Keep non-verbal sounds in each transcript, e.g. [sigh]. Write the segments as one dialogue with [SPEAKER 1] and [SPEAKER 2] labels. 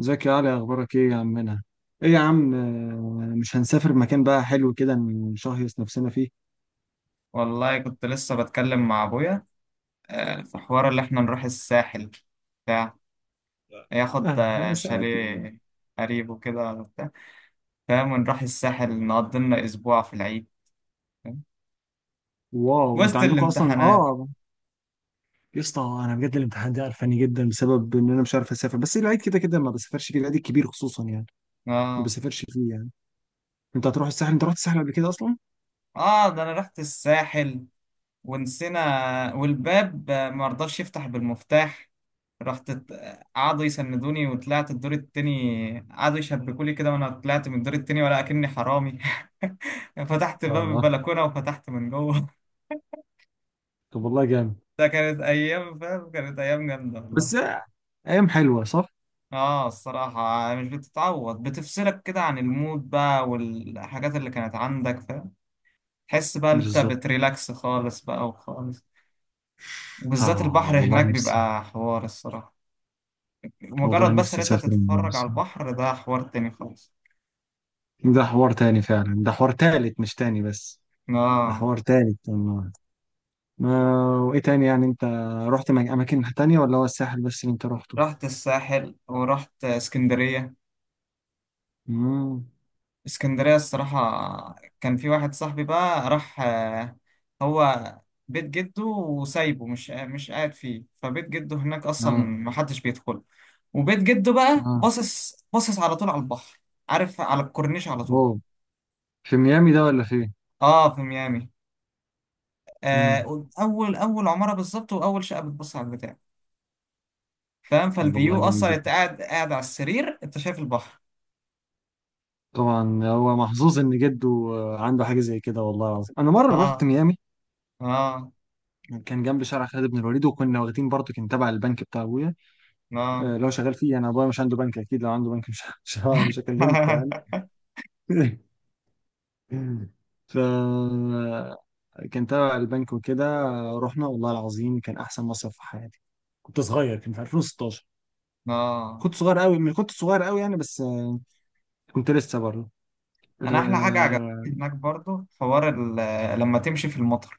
[SPEAKER 1] ازيك يا علي، اخبارك ايه يا عمنا؟ ايه يا عم، مش هنسافر مكان بقى حلو كده نشهيص نفسنا فيه.
[SPEAKER 2] والله كنت لسه بتكلم مع ابويا. في حوار اللي احنا نروح الساحل بتاع ياخد
[SPEAKER 1] آه، يا س-
[SPEAKER 2] شاليه قريب وكده وبتاع، فاهم؟ ونروح الساحل نقضي لنا اسبوع في العيد. فاهم؟
[SPEAKER 1] واو انت
[SPEAKER 2] وسط
[SPEAKER 1] عندكم اصلا؟
[SPEAKER 2] الامتحانات.
[SPEAKER 1] اه، يا اسطى انا بجد الامتحان ده قرفاني جدا بسبب ان انا مش عارف اسافر، بس العيد كده كده ما بسافرش فيه، العيد الكبير خصوصا يعني، ما
[SPEAKER 2] اه،
[SPEAKER 1] بسافرش فيه يعني. انت هتروح الساحل؟ انت رحت الساحل قبل كده اصلا؟
[SPEAKER 2] اه، ده انا رحت الساحل ونسينا والباب ما رضاش يفتح بالمفتاح. رحت ات- قعدوا يسندوني وطلعت الدور التاني، قعدوا يشبكولي كده وانا طلعت من الدور التاني ولا اكني حرامي. [laughs] فتحت باب
[SPEAKER 1] اه،
[SPEAKER 2] البلكونة وفتحت من جوه. [laughs]
[SPEAKER 1] طب والله جامد.
[SPEAKER 2] ده كانت ايام، فاهم؟ كانت ايام جامدة
[SPEAKER 1] بس
[SPEAKER 2] والله.
[SPEAKER 1] ايام حلوه صح؟
[SPEAKER 2] اه، الصراحة مش بتتعوض، بتفصلك كده عن المود بقى والحاجات اللي كانت عندك، فاهم؟ تحس بقى إن انت
[SPEAKER 1] بالظبط.
[SPEAKER 2] بتريلاكس خالص بقى وخالص. وبالذات
[SPEAKER 1] اه
[SPEAKER 2] البحر
[SPEAKER 1] والله
[SPEAKER 2] هناك
[SPEAKER 1] نفسي.
[SPEAKER 2] بيبقى حوار الصراحة،
[SPEAKER 1] والله
[SPEAKER 2] مجرد بس ان
[SPEAKER 1] نفسي
[SPEAKER 2] انت
[SPEAKER 1] اسافر المره
[SPEAKER 2] تتفرج على
[SPEAKER 1] دي.
[SPEAKER 2] البحر ده حوار تاني خالص.
[SPEAKER 1] ده حوار تاني فعلا، ده حوار تالت مش تاني بس، ده
[SPEAKER 2] اه،
[SPEAKER 1] حوار تاني والله. ما، وايه تاني يعني انت، اماكن تانية ولا هو الساحل بس اللي انت رحته؟
[SPEAKER 2] رحت الساحل ورحت اسكندرية.
[SPEAKER 1] امم
[SPEAKER 2] اسكندرية الصراحة كان في واحد صاحبي بقى راح، هو بيت جده وسايبه، مش قاعد فيه، فبيت جده هناك اصلا
[SPEAKER 1] اه.
[SPEAKER 2] محدش بيدخل. وبيت جده بقى
[SPEAKER 1] اه.
[SPEAKER 2] باصص باصص على طول على البحر، عارف؟ على الكورنيش على طول.
[SPEAKER 1] اوه. في ميامي ده ولا فين؟
[SPEAKER 2] اه، في ميامي.
[SPEAKER 1] امم
[SPEAKER 2] آه اول اول عمارة بالظبط واول شقة بتبص على البتاع، فاهم؟
[SPEAKER 1] طب
[SPEAKER 2] فالفيو
[SPEAKER 1] والله جميل
[SPEAKER 2] اصلا انت
[SPEAKER 1] جدا.
[SPEAKER 2] قاعد قاعد على السرير انت شايف البحر.
[SPEAKER 1] طبعا هو محظوظ ان جده عنده حاجه زي كده، والله العظيم انا مره رحت
[SPEAKER 2] اه،
[SPEAKER 1] ميامي،
[SPEAKER 2] اه،
[SPEAKER 1] كان جنب شارع خالد بن الوليد، وكنا واخدين برضه كان تبع البنك بتاع ابويا.
[SPEAKER 2] اه.
[SPEAKER 1] لو شغال فيه انا، ابويا مش عنده بنك اكيد، لو عنده بنك مش [laughs] مش هكلمكم يعني.
[SPEAKER 2] [laughs]
[SPEAKER 1] [laughs] ف كان تبع البنك وكده. رحنا والله العظيم كان احسن مصيف في حياتي. كنت صغير، كان في 2016.
[SPEAKER 2] اه،
[SPEAKER 1] كنت صغير قوي، كنت صغير قوي يعني، بس كنت لسه برضه،
[SPEAKER 2] انا احلى حاجه
[SPEAKER 1] آه،
[SPEAKER 2] عجبتني هناك برضو حوار لما تمشي في المطر.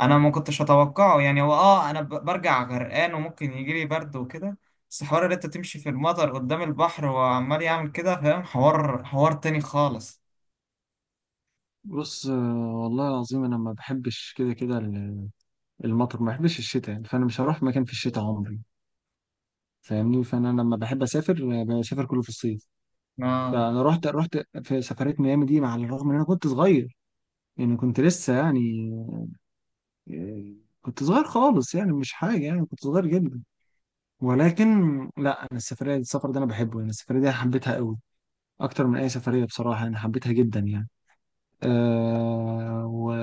[SPEAKER 2] انا ما كنتش اتوقعه، يعني هو، اه، انا برجع غرقان وممكن يجي لي برد وكده. بس حوار ان انت تمشي في المطر قدام البحر وعمال يعمل كده، فاهم؟ حوار تاني خالص.
[SPEAKER 1] بص والله العظيم انا ما بحبش كده كده المطر، ما بحبش الشتاء يعني، فانا مش هروح مكان في الشتاء عمري، فاهمني. فانا لما بحب اسافر بسافر كله في الصيف.
[SPEAKER 2] اه،
[SPEAKER 1] فانا رحت في سفريه ميامي دي، مع الرغم ان انا كنت صغير يعني، كنت لسه يعني، آه، كنت صغير خالص يعني، مش حاجه يعني، كنت صغير جدا. ولكن لا، انا السفريه، السفر ده انا بحبه يعني، السفريه دي حبيتها قوي اكتر من اي سفريه، بصراحه انا حبيتها جدا يعني. أه و...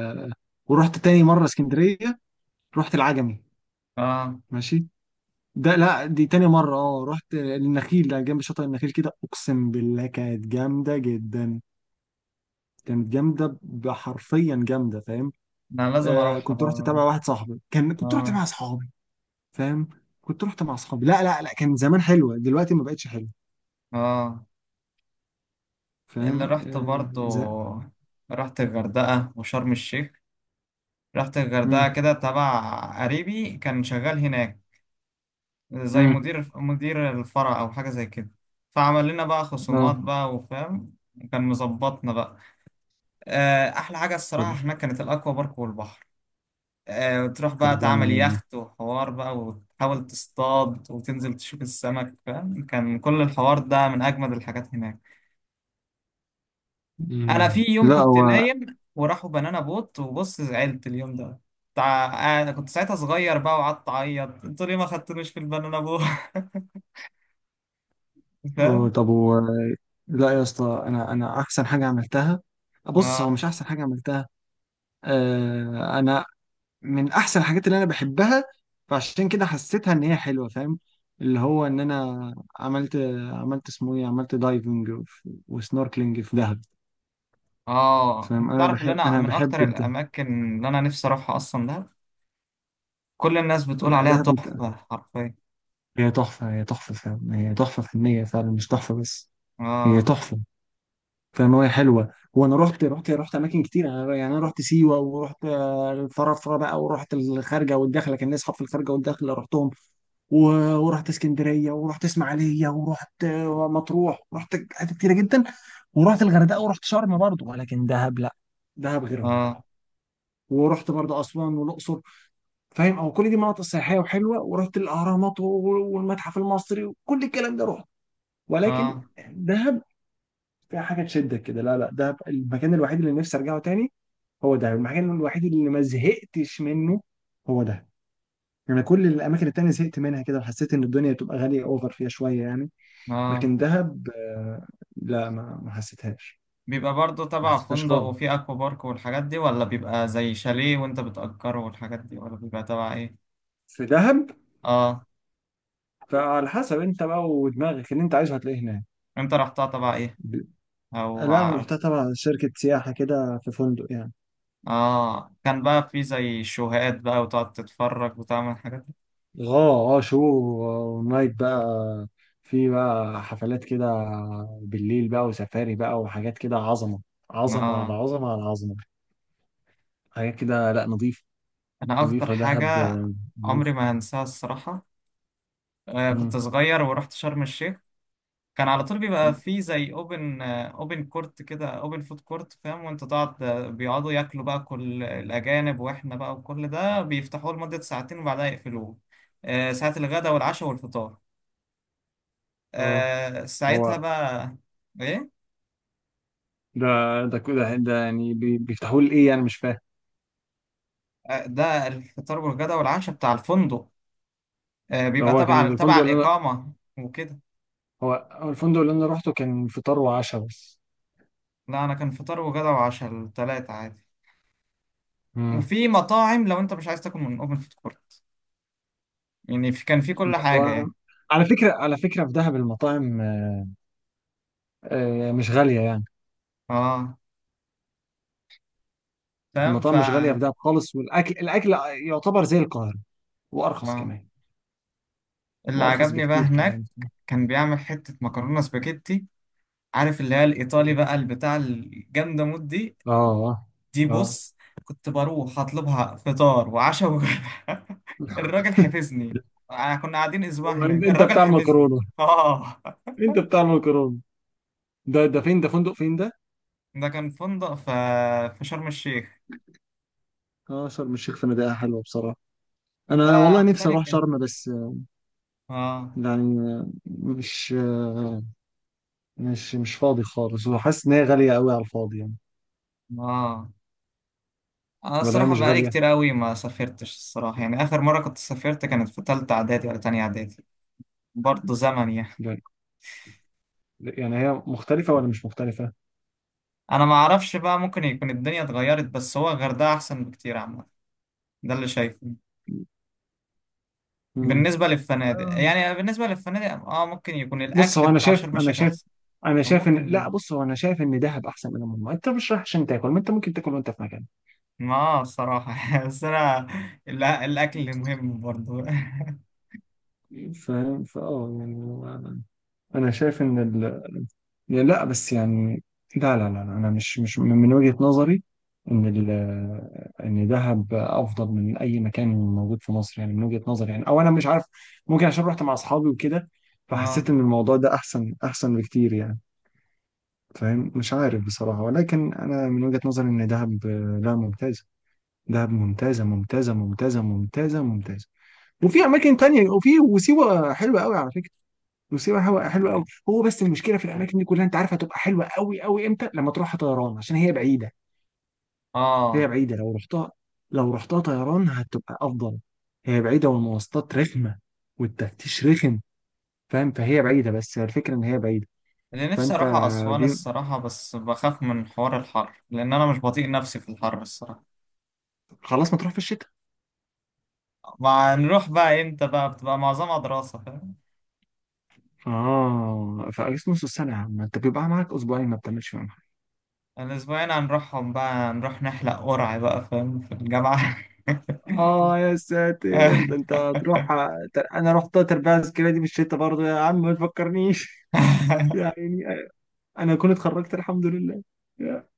[SPEAKER 1] ورحت تاني مره اسكندريه، رحت العجمي.
[SPEAKER 2] اه،
[SPEAKER 1] ماشي. ده لا دي تاني مره، اه رحت النخيل، ده جنب شاطئ النخيل كده، اقسم بالله كانت جامده جدا، كانت جامده، حرفيا جامده فاهم.
[SPEAKER 2] انا لازم
[SPEAKER 1] أه
[SPEAKER 2] اروحها
[SPEAKER 1] كنت رحت
[SPEAKER 2] بقى.
[SPEAKER 1] تبع واحد صاحبي، كان كنت رحت
[SPEAKER 2] اه،
[SPEAKER 1] مع اصحابي، فاهم، كنت رحت مع اصحابي، لا لا لا كان زمان حلوه، دلوقتي ما بقتش حلوه
[SPEAKER 2] اه، اللي
[SPEAKER 1] فاهم
[SPEAKER 2] رحت برضو، رحت الغردقة وشرم الشيخ. رحت الغردقة
[SPEAKER 1] امم
[SPEAKER 2] كده تبع قريبي كان شغال هناك زي
[SPEAKER 1] امم
[SPEAKER 2] مدير الفرع أو حاجة زي كده، فعمل لنا بقى خصومات
[SPEAKER 1] اه،
[SPEAKER 2] بقى، وفاهم؟ كان مظبطنا بقى. أحلى حاجة
[SPEAKER 1] طب،
[SPEAKER 2] الصراحة هناك كانت الأكوا بارك والبحر. تروح بقى
[SPEAKER 1] طب جامد
[SPEAKER 2] تعمل
[SPEAKER 1] والله.
[SPEAKER 2] يخت وحوار بقى وتحاول تصطاد وتنزل تشوف السمك، فاهم؟ كان كل الحوار ده من أجمد الحاجات هناك. انا في يوم
[SPEAKER 1] لا
[SPEAKER 2] كنت
[SPEAKER 1] هو،
[SPEAKER 2] نايم وراحوا بنانا بوت وبص، زعلت اليوم ده. انا كنت ساعتها صغير بقى وقعدت اعيط: انتوا ليه ما خدتونيش في البنانا بوت؟ [laughs] فاهم؟
[SPEAKER 1] طب هو، لا يا اسطى انا احسن حاجه عملتها، بص هو
[SPEAKER 2] اه،
[SPEAKER 1] مش احسن حاجه عملتها. انا من احسن الحاجات اللي انا بحبها، فعشان كده حسيتها ان هي حلوه فاهم، اللي هو ان انا، عملت عملت اسمه ايه، عملت دايفنج وسنوركلينج في دهب،
[SPEAKER 2] اه،
[SPEAKER 1] فاهم.
[SPEAKER 2] انت
[SPEAKER 1] انا
[SPEAKER 2] تعرف ان
[SPEAKER 1] بحب،
[SPEAKER 2] انا
[SPEAKER 1] انا
[SPEAKER 2] من
[SPEAKER 1] بحب
[SPEAKER 2] اكتر
[SPEAKER 1] الدهب.
[SPEAKER 2] الاماكن اللي انا نفسي اروحها اصلا ده. كل الناس بتقول
[SPEAKER 1] لا،
[SPEAKER 2] عليها
[SPEAKER 1] دهب انت،
[SPEAKER 2] تحفة حرفيا.
[SPEAKER 1] هي تحفه، هي تحفه فاهم، هي تحفه فنيه فعلا مش تحفه بس، هي
[SPEAKER 2] اه،
[SPEAKER 1] تحفه فاهمة، هي حلوة وانا رحت اماكن كتير، يعني انا رحت سيوة، ورحت الفرافرة بقى، ورحت الخارجة والداخلة، كان ليا اصحاب في الخارجة والداخلة رحتهم، ورحت اسكندرية ورحت اسماعيلية ورحت مطروح، رحت حتت كتيرة جدا، ورحت الغردقة ورحت شرم برضه، ولكن دهب لا، دهب غيرهم.
[SPEAKER 2] اه،
[SPEAKER 1] ورحت برضه اسوان والاقصر، فاهم، او كل دي مناطق سياحية وحلوة، ورحت الاهرامات والمتحف المصري وكل الكلام ده رحت. ولكن
[SPEAKER 2] اه،
[SPEAKER 1] دهب فيها حاجه تشدك كده، لا لا، ده المكان الوحيد اللي نفسي ارجعه تاني، هو ده المكان الوحيد اللي ما زهقتش منه، هو ده يعني. كل الاماكن التانية زهقت منها كده، وحسيت ان الدنيا بتبقى غاليه اوفر فيها شويه يعني.
[SPEAKER 2] اه.
[SPEAKER 1] لكن دهب لا، ما حسيتهاش،
[SPEAKER 2] بيبقى برضو
[SPEAKER 1] ما
[SPEAKER 2] تبع
[SPEAKER 1] حسيتهاش
[SPEAKER 2] فندق
[SPEAKER 1] خالص
[SPEAKER 2] وفي اكوا بارك والحاجات دي، ولا بيبقى زي شاليه وانت بتأجره والحاجات دي، ولا بيبقى تبع ايه؟
[SPEAKER 1] في دهب.
[SPEAKER 2] اه،
[SPEAKER 1] فعلى حسب انت بقى ودماغك اللي انت عايزه هتلاقيه هناك.
[SPEAKER 2] انت رحتها تبع ايه؟
[SPEAKER 1] ب-
[SPEAKER 2] او
[SPEAKER 1] لا انا
[SPEAKER 2] عارف؟
[SPEAKER 1] رحتها تبع شركه سياحه كده، في فندق يعني.
[SPEAKER 2] اه، كان بقى في زي شوهات بقى وتقعد تتفرج وتعمل حاجات.
[SPEAKER 1] اه اه شو، ونايت بقى، في بقى حفلات كده بالليل بقى وسفاري بقى وحاجات كده، عظمة، عظمة على
[SPEAKER 2] اه،
[SPEAKER 1] عظمة على عظمة، حاجات كده، لا نظيف،
[SPEAKER 2] انا اكتر
[SPEAKER 1] نظيفة دهب
[SPEAKER 2] حاجة عمري
[SPEAKER 1] نظيف.
[SPEAKER 2] ما هنساها الصراحة. كنت
[SPEAKER 1] مم.
[SPEAKER 2] صغير ورحت شرم الشيخ. كان على طول بيبقى في زي اوبن فود كورت، فاهم؟ وانت تقعد، بيقعدوا ياكلوا بقى كل الاجانب واحنا بقى، وكل ده بيفتحوه لمدة ساعتين وبعدها يقفلوه. آه، ساعة الغداء والعشاء والفطار.
[SPEAKER 1] اه.
[SPEAKER 2] آه، ساعتها
[SPEAKER 1] هو
[SPEAKER 2] بقى ايه؟
[SPEAKER 1] ده ده كده ده يعني بيفتحوا لي ايه يعني مش فاهم.
[SPEAKER 2] ده الفطار والغدا والعشاء بتاع الفندق.
[SPEAKER 1] ده
[SPEAKER 2] بيبقى
[SPEAKER 1] هو
[SPEAKER 2] تبع
[SPEAKER 1] كان
[SPEAKER 2] تبع
[SPEAKER 1] الفندق اللي انا،
[SPEAKER 2] الإقامة وكده.
[SPEAKER 1] هو هو الفندق اللي انا روحته كان فطار وعشاء بس.
[SPEAKER 2] لا، أنا كان فطار وغدا وعشاء التلاتة عادي.
[SPEAKER 1] مم.
[SPEAKER 2] وفي مطاعم لو أنت مش عايز تاكل من أوبن فود كورت، يعني كان في كل حاجة
[SPEAKER 1] مطاعم،
[SPEAKER 2] يعني.
[SPEAKER 1] على فكرة، على فكرة في دهب المطاعم مش غالية يعني،
[SPEAKER 2] اه، فاهم. ف
[SPEAKER 1] المطاعم مش غالية في دهب خالص، والأكل، الأكل يعتبر زي القاهرة، وأرخص
[SPEAKER 2] آه.
[SPEAKER 1] كمان،
[SPEAKER 2] اللي
[SPEAKER 1] وأرخص
[SPEAKER 2] عجبني بقى
[SPEAKER 1] بكتير
[SPEAKER 2] هناك
[SPEAKER 1] كمان.
[SPEAKER 2] كان بيعمل حتة مكرونة سباجيتي، عارف اللي هي الإيطالي بقى
[SPEAKER 1] [laughs]
[SPEAKER 2] البتاع الجامدة مود دي؟
[SPEAKER 1] آه.
[SPEAKER 2] دي
[SPEAKER 1] آه.
[SPEAKER 2] بص، كنت بروح اطلبها فطار وعشاء وغدا.
[SPEAKER 1] هو.
[SPEAKER 2] [laughs] الراجل
[SPEAKER 1] [laughs]
[SPEAKER 2] حفظني. كنا قاعدين اسبوع
[SPEAKER 1] أنت
[SPEAKER 2] هناك،
[SPEAKER 1] أنت
[SPEAKER 2] الراجل
[SPEAKER 1] بتاع
[SPEAKER 2] حفظني.
[SPEAKER 1] المكرونة،
[SPEAKER 2] اه،
[SPEAKER 1] أنت بتاع المكرونة. ده فين، ده فندق فين ده؟
[SPEAKER 2] ده كان فندق في شرم الشيخ.
[SPEAKER 1] آه شرم الشيخ فنادقها حلوة بصراحة. أنا والله
[SPEAKER 2] ده
[SPEAKER 1] نفسي
[SPEAKER 2] متهيألي
[SPEAKER 1] أروح
[SPEAKER 2] كان.
[SPEAKER 1] شرم بس
[SPEAKER 2] اه،
[SPEAKER 1] يعني، مش مش مش فاضي خالص، وحاسس إن هي غالية قوي على الفاضي يعني.
[SPEAKER 2] اه، انا
[SPEAKER 1] ولا هي
[SPEAKER 2] الصراحه
[SPEAKER 1] مش
[SPEAKER 2] بقالي كتير
[SPEAKER 1] غالية؟
[SPEAKER 2] قوي ما سافرتش الصراحه، يعني اخر مره كنت سافرت كانت في تالتة اعدادي ولا تانية اعدادي. برضه زمن يعني.
[SPEAKER 1] لا. يعني هي مختلفة ولا مش مختلفة؟
[SPEAKER 2] انا ما اعرفش بقى، ممكن يكون الدنيا اتغيرت، بس هو الغردقه احسن بكتير عامه، ده اللي شايفه.
[SPEAKER 1] مم.
[SPEAKER 2] بالنسبة للفنادق، اه، ممكن يكون
[SPEAKER 1] بص
[SPEAKER 2] الأكل
[SPEAKER 1] هو انا
[SPEAKER 2] بتاع
[SPEAKER 1] شايف،
[SPEAKER 2] شرم
[SPEAKER 1] انا
[SPEAKER 2] الشيخ
[SPEAKER 1] شايف،
[SPEAKER 2] أحسن.
[SPEAKER 1] انا
[SPEAKER 2] أو
[SPEAKER 1] شايف ان
[SPEAKER 2] ممكن.
[SPEAKER 1] لا، بص هو انا شايف ان دهب احسن من المجمع، انت مش رايح عشان تاكل، ما انت ممكن تاكل وانت في مكان.
[SPEAKER 2] اه، الصراحة، [laughs] بس أنا الأكل مهم برضو. [laughs]
[SPEAKER 1] فاهم فاه يعني انا شايف ان ال... يعني لا بس يعني، لا لا لا لا، انا مش، من وجهة نظري ان ال... ان دهب افضل من اي مكان موجود في مصر يعني، من وجهة نظري يعني، او انا مش عارف، ممكن عشان رحت مع اصحابي وكده، فحسيت
[SPEAKER 2] اه،
[SPEAKER 1] ان الموضوع ده احسن، احسن بكتير يعني. فاهم، مش عارف بصراحة، ولكن انا من وجهة نظري ان دهب لا ممتاز، دهب ممتازة ممتازة ممتازة ممتازة ممتازة. وفي أماكن تانية، وفي، وسيوة حلوة قوي على فكرة، وسيوة حلوة حلوة قوي. هو بس المشكلة في الأماكن دي كلها أنت عارف، هتبقى حلوة قوي قوي إمتى؟ لما تروحها طيران عشان هي بعيدة، هي
[SPEAKER 2] اه،
[SPEAKER 1] بعيدة، لو رحتها، لو رحتها طيران هتبقى أفضل، هي بعيدة والمواصلات رخمة والتفتيش رخم فاهم، فهي بعيدة، بس هي الفكرة إن هي بعيدة.
[SPEAKER 2] اللي نفسي
[SPEAKER 1] فأنت،
[SPEAKER 2] أروح أسوان
[SPEAKER 1] دي،
[SPEAKER 2] الصراحة، بس بخاف من حوار الحر، لأن أنا مش بطيق نفسي في الحر الصراحة.
[SPEAKER 1] خلاص ما تروح في الشتاء.
[SPEAKER 2] ما نروح بقى إمتى بقى؟ بتبقى معظمها دراسة، فاهم؟
[SPEAKER 1] آه، في أجازة نص السنة يا عم، أنت بيبقى معاك أسبوعين ما بتعملش فيهم.
[SPEAKER 2] الأسبوعين هنروحهم بقى نروح نحلق قرع بقى، فاهم؟ في الجامعة.
[SPEAKER 1] اه يا ساتر، ده انت
[SPEAKER 2] [laughs]
[SPEAKER 1] هتروح. انا رحت تربية عسكرية دي بالشتا برضه يا عم ما تفكرنيش. [laughs] يعني، انا اكون اتخرجت الحمد لله يا.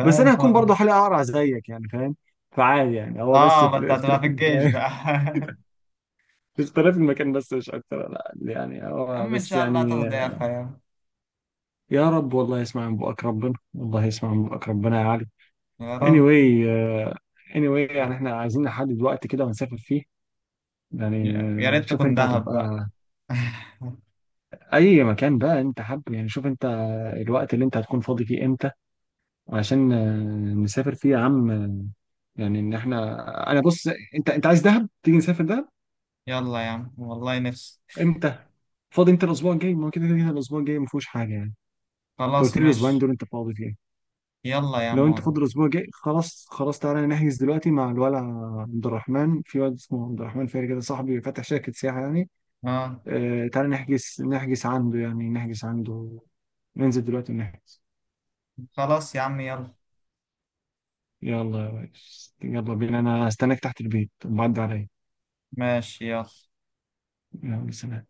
[SPEAKER 1] بس انا هكون برضه حالي اقرع زيك يعني فاهم، فعادي يعني، هو بس
[SPEAKER 2] اه، ما انت
[SPEAKER 1] في
[SPEAKER 2] هتبقى
[SPEAKER 1] اختلاف
[SPEAKER 2] في الجيش
[SPEAKER 1] المكان.
[SPEAKER 2] بقى. [laughs]
[SPEAKER 1] [laughs] في اختلاف المكان بس، مش اكتر، لا يعني،
[SPEAKER 2] يا
[SPEAKER 1] هو
[SPEAKER 2] عم، ان
[SPEAKER 1] بس
[SPEAKER 2] شاء الله
[SPEAKER 1] يعني.
[SPEAKER 2] تاخد ايه يا اخويا.
[SPEAKER 1] يا رب والله يسمع من بقك ربنا، والله يسمع من بقك ربنا يا علي.
[SPEAKER 2] يا رب،
[SPEAKER 1] anyway، anyway يعني احنا عايزين نحدد وقت كده ونسافر فيه يعني.
[SPEAKER 2] يا ريت
[SPEAKER 1] شوف
[SPEAKER 2] تكون
[SPEAKER 1] انت
[SPEAKER 2] دهب بقى.
[SPEAKER 1] هتبقى،
[SPEAKER 2] [laughs]
[SPEAKER 1] اي مكان بقى انت حابب يعني، شوف انت الوقت اللي انت هتكون فاضي فيه امتى، عشان نسافر فيه يا عم يعني ان احنا، انا بص، انت عايز دهب، تيجي نسافر دهب.
[SPEAKER 2] يلا يا عم والله نفسي.
[SPEAKER 1] امتى فاضي انت؟ الاسبوع الجاي ما هو كده كده الاسبوع الجاي ما فيهوش حاجه يعني، انت قلت
[SPEAKER 2] خلاص
[SPEAKER 1] لي الاسبوعين
[SPEAKER 2] ماشي.
[SPEAKER 1] دول انت فاضي فيه.
[SPEAKER 2] يلا يا عم
[SPEAKER 1] لو انت
[SPEAKER 2] والله.
[SPEAKER 1] فاضي الاسبوع الجاي خلاص، خلاص تعالى نحجز دلوقتي مع الولع. عبد الرحمن، في واد اسمه عبد الرحمن فاري كده، صاحبي فاتح شركه سياحه يعني.
[SPEAKER 2] اه،
[SPEAKER 1] آه تعالى نحجز، نحجز عنده يعني، نحجز عنده، ننزل دلوقتي ونحجز.
[SPEAKER 2] خلاص يا عم يلا.
[SPEAKER 1] يلا يا ريس، يلا بينا، انا هستناك تحت البيت معدي عليا.
[SPEAKER 2] ماشي يلا.
[SPEAKER 1] يلا سلام.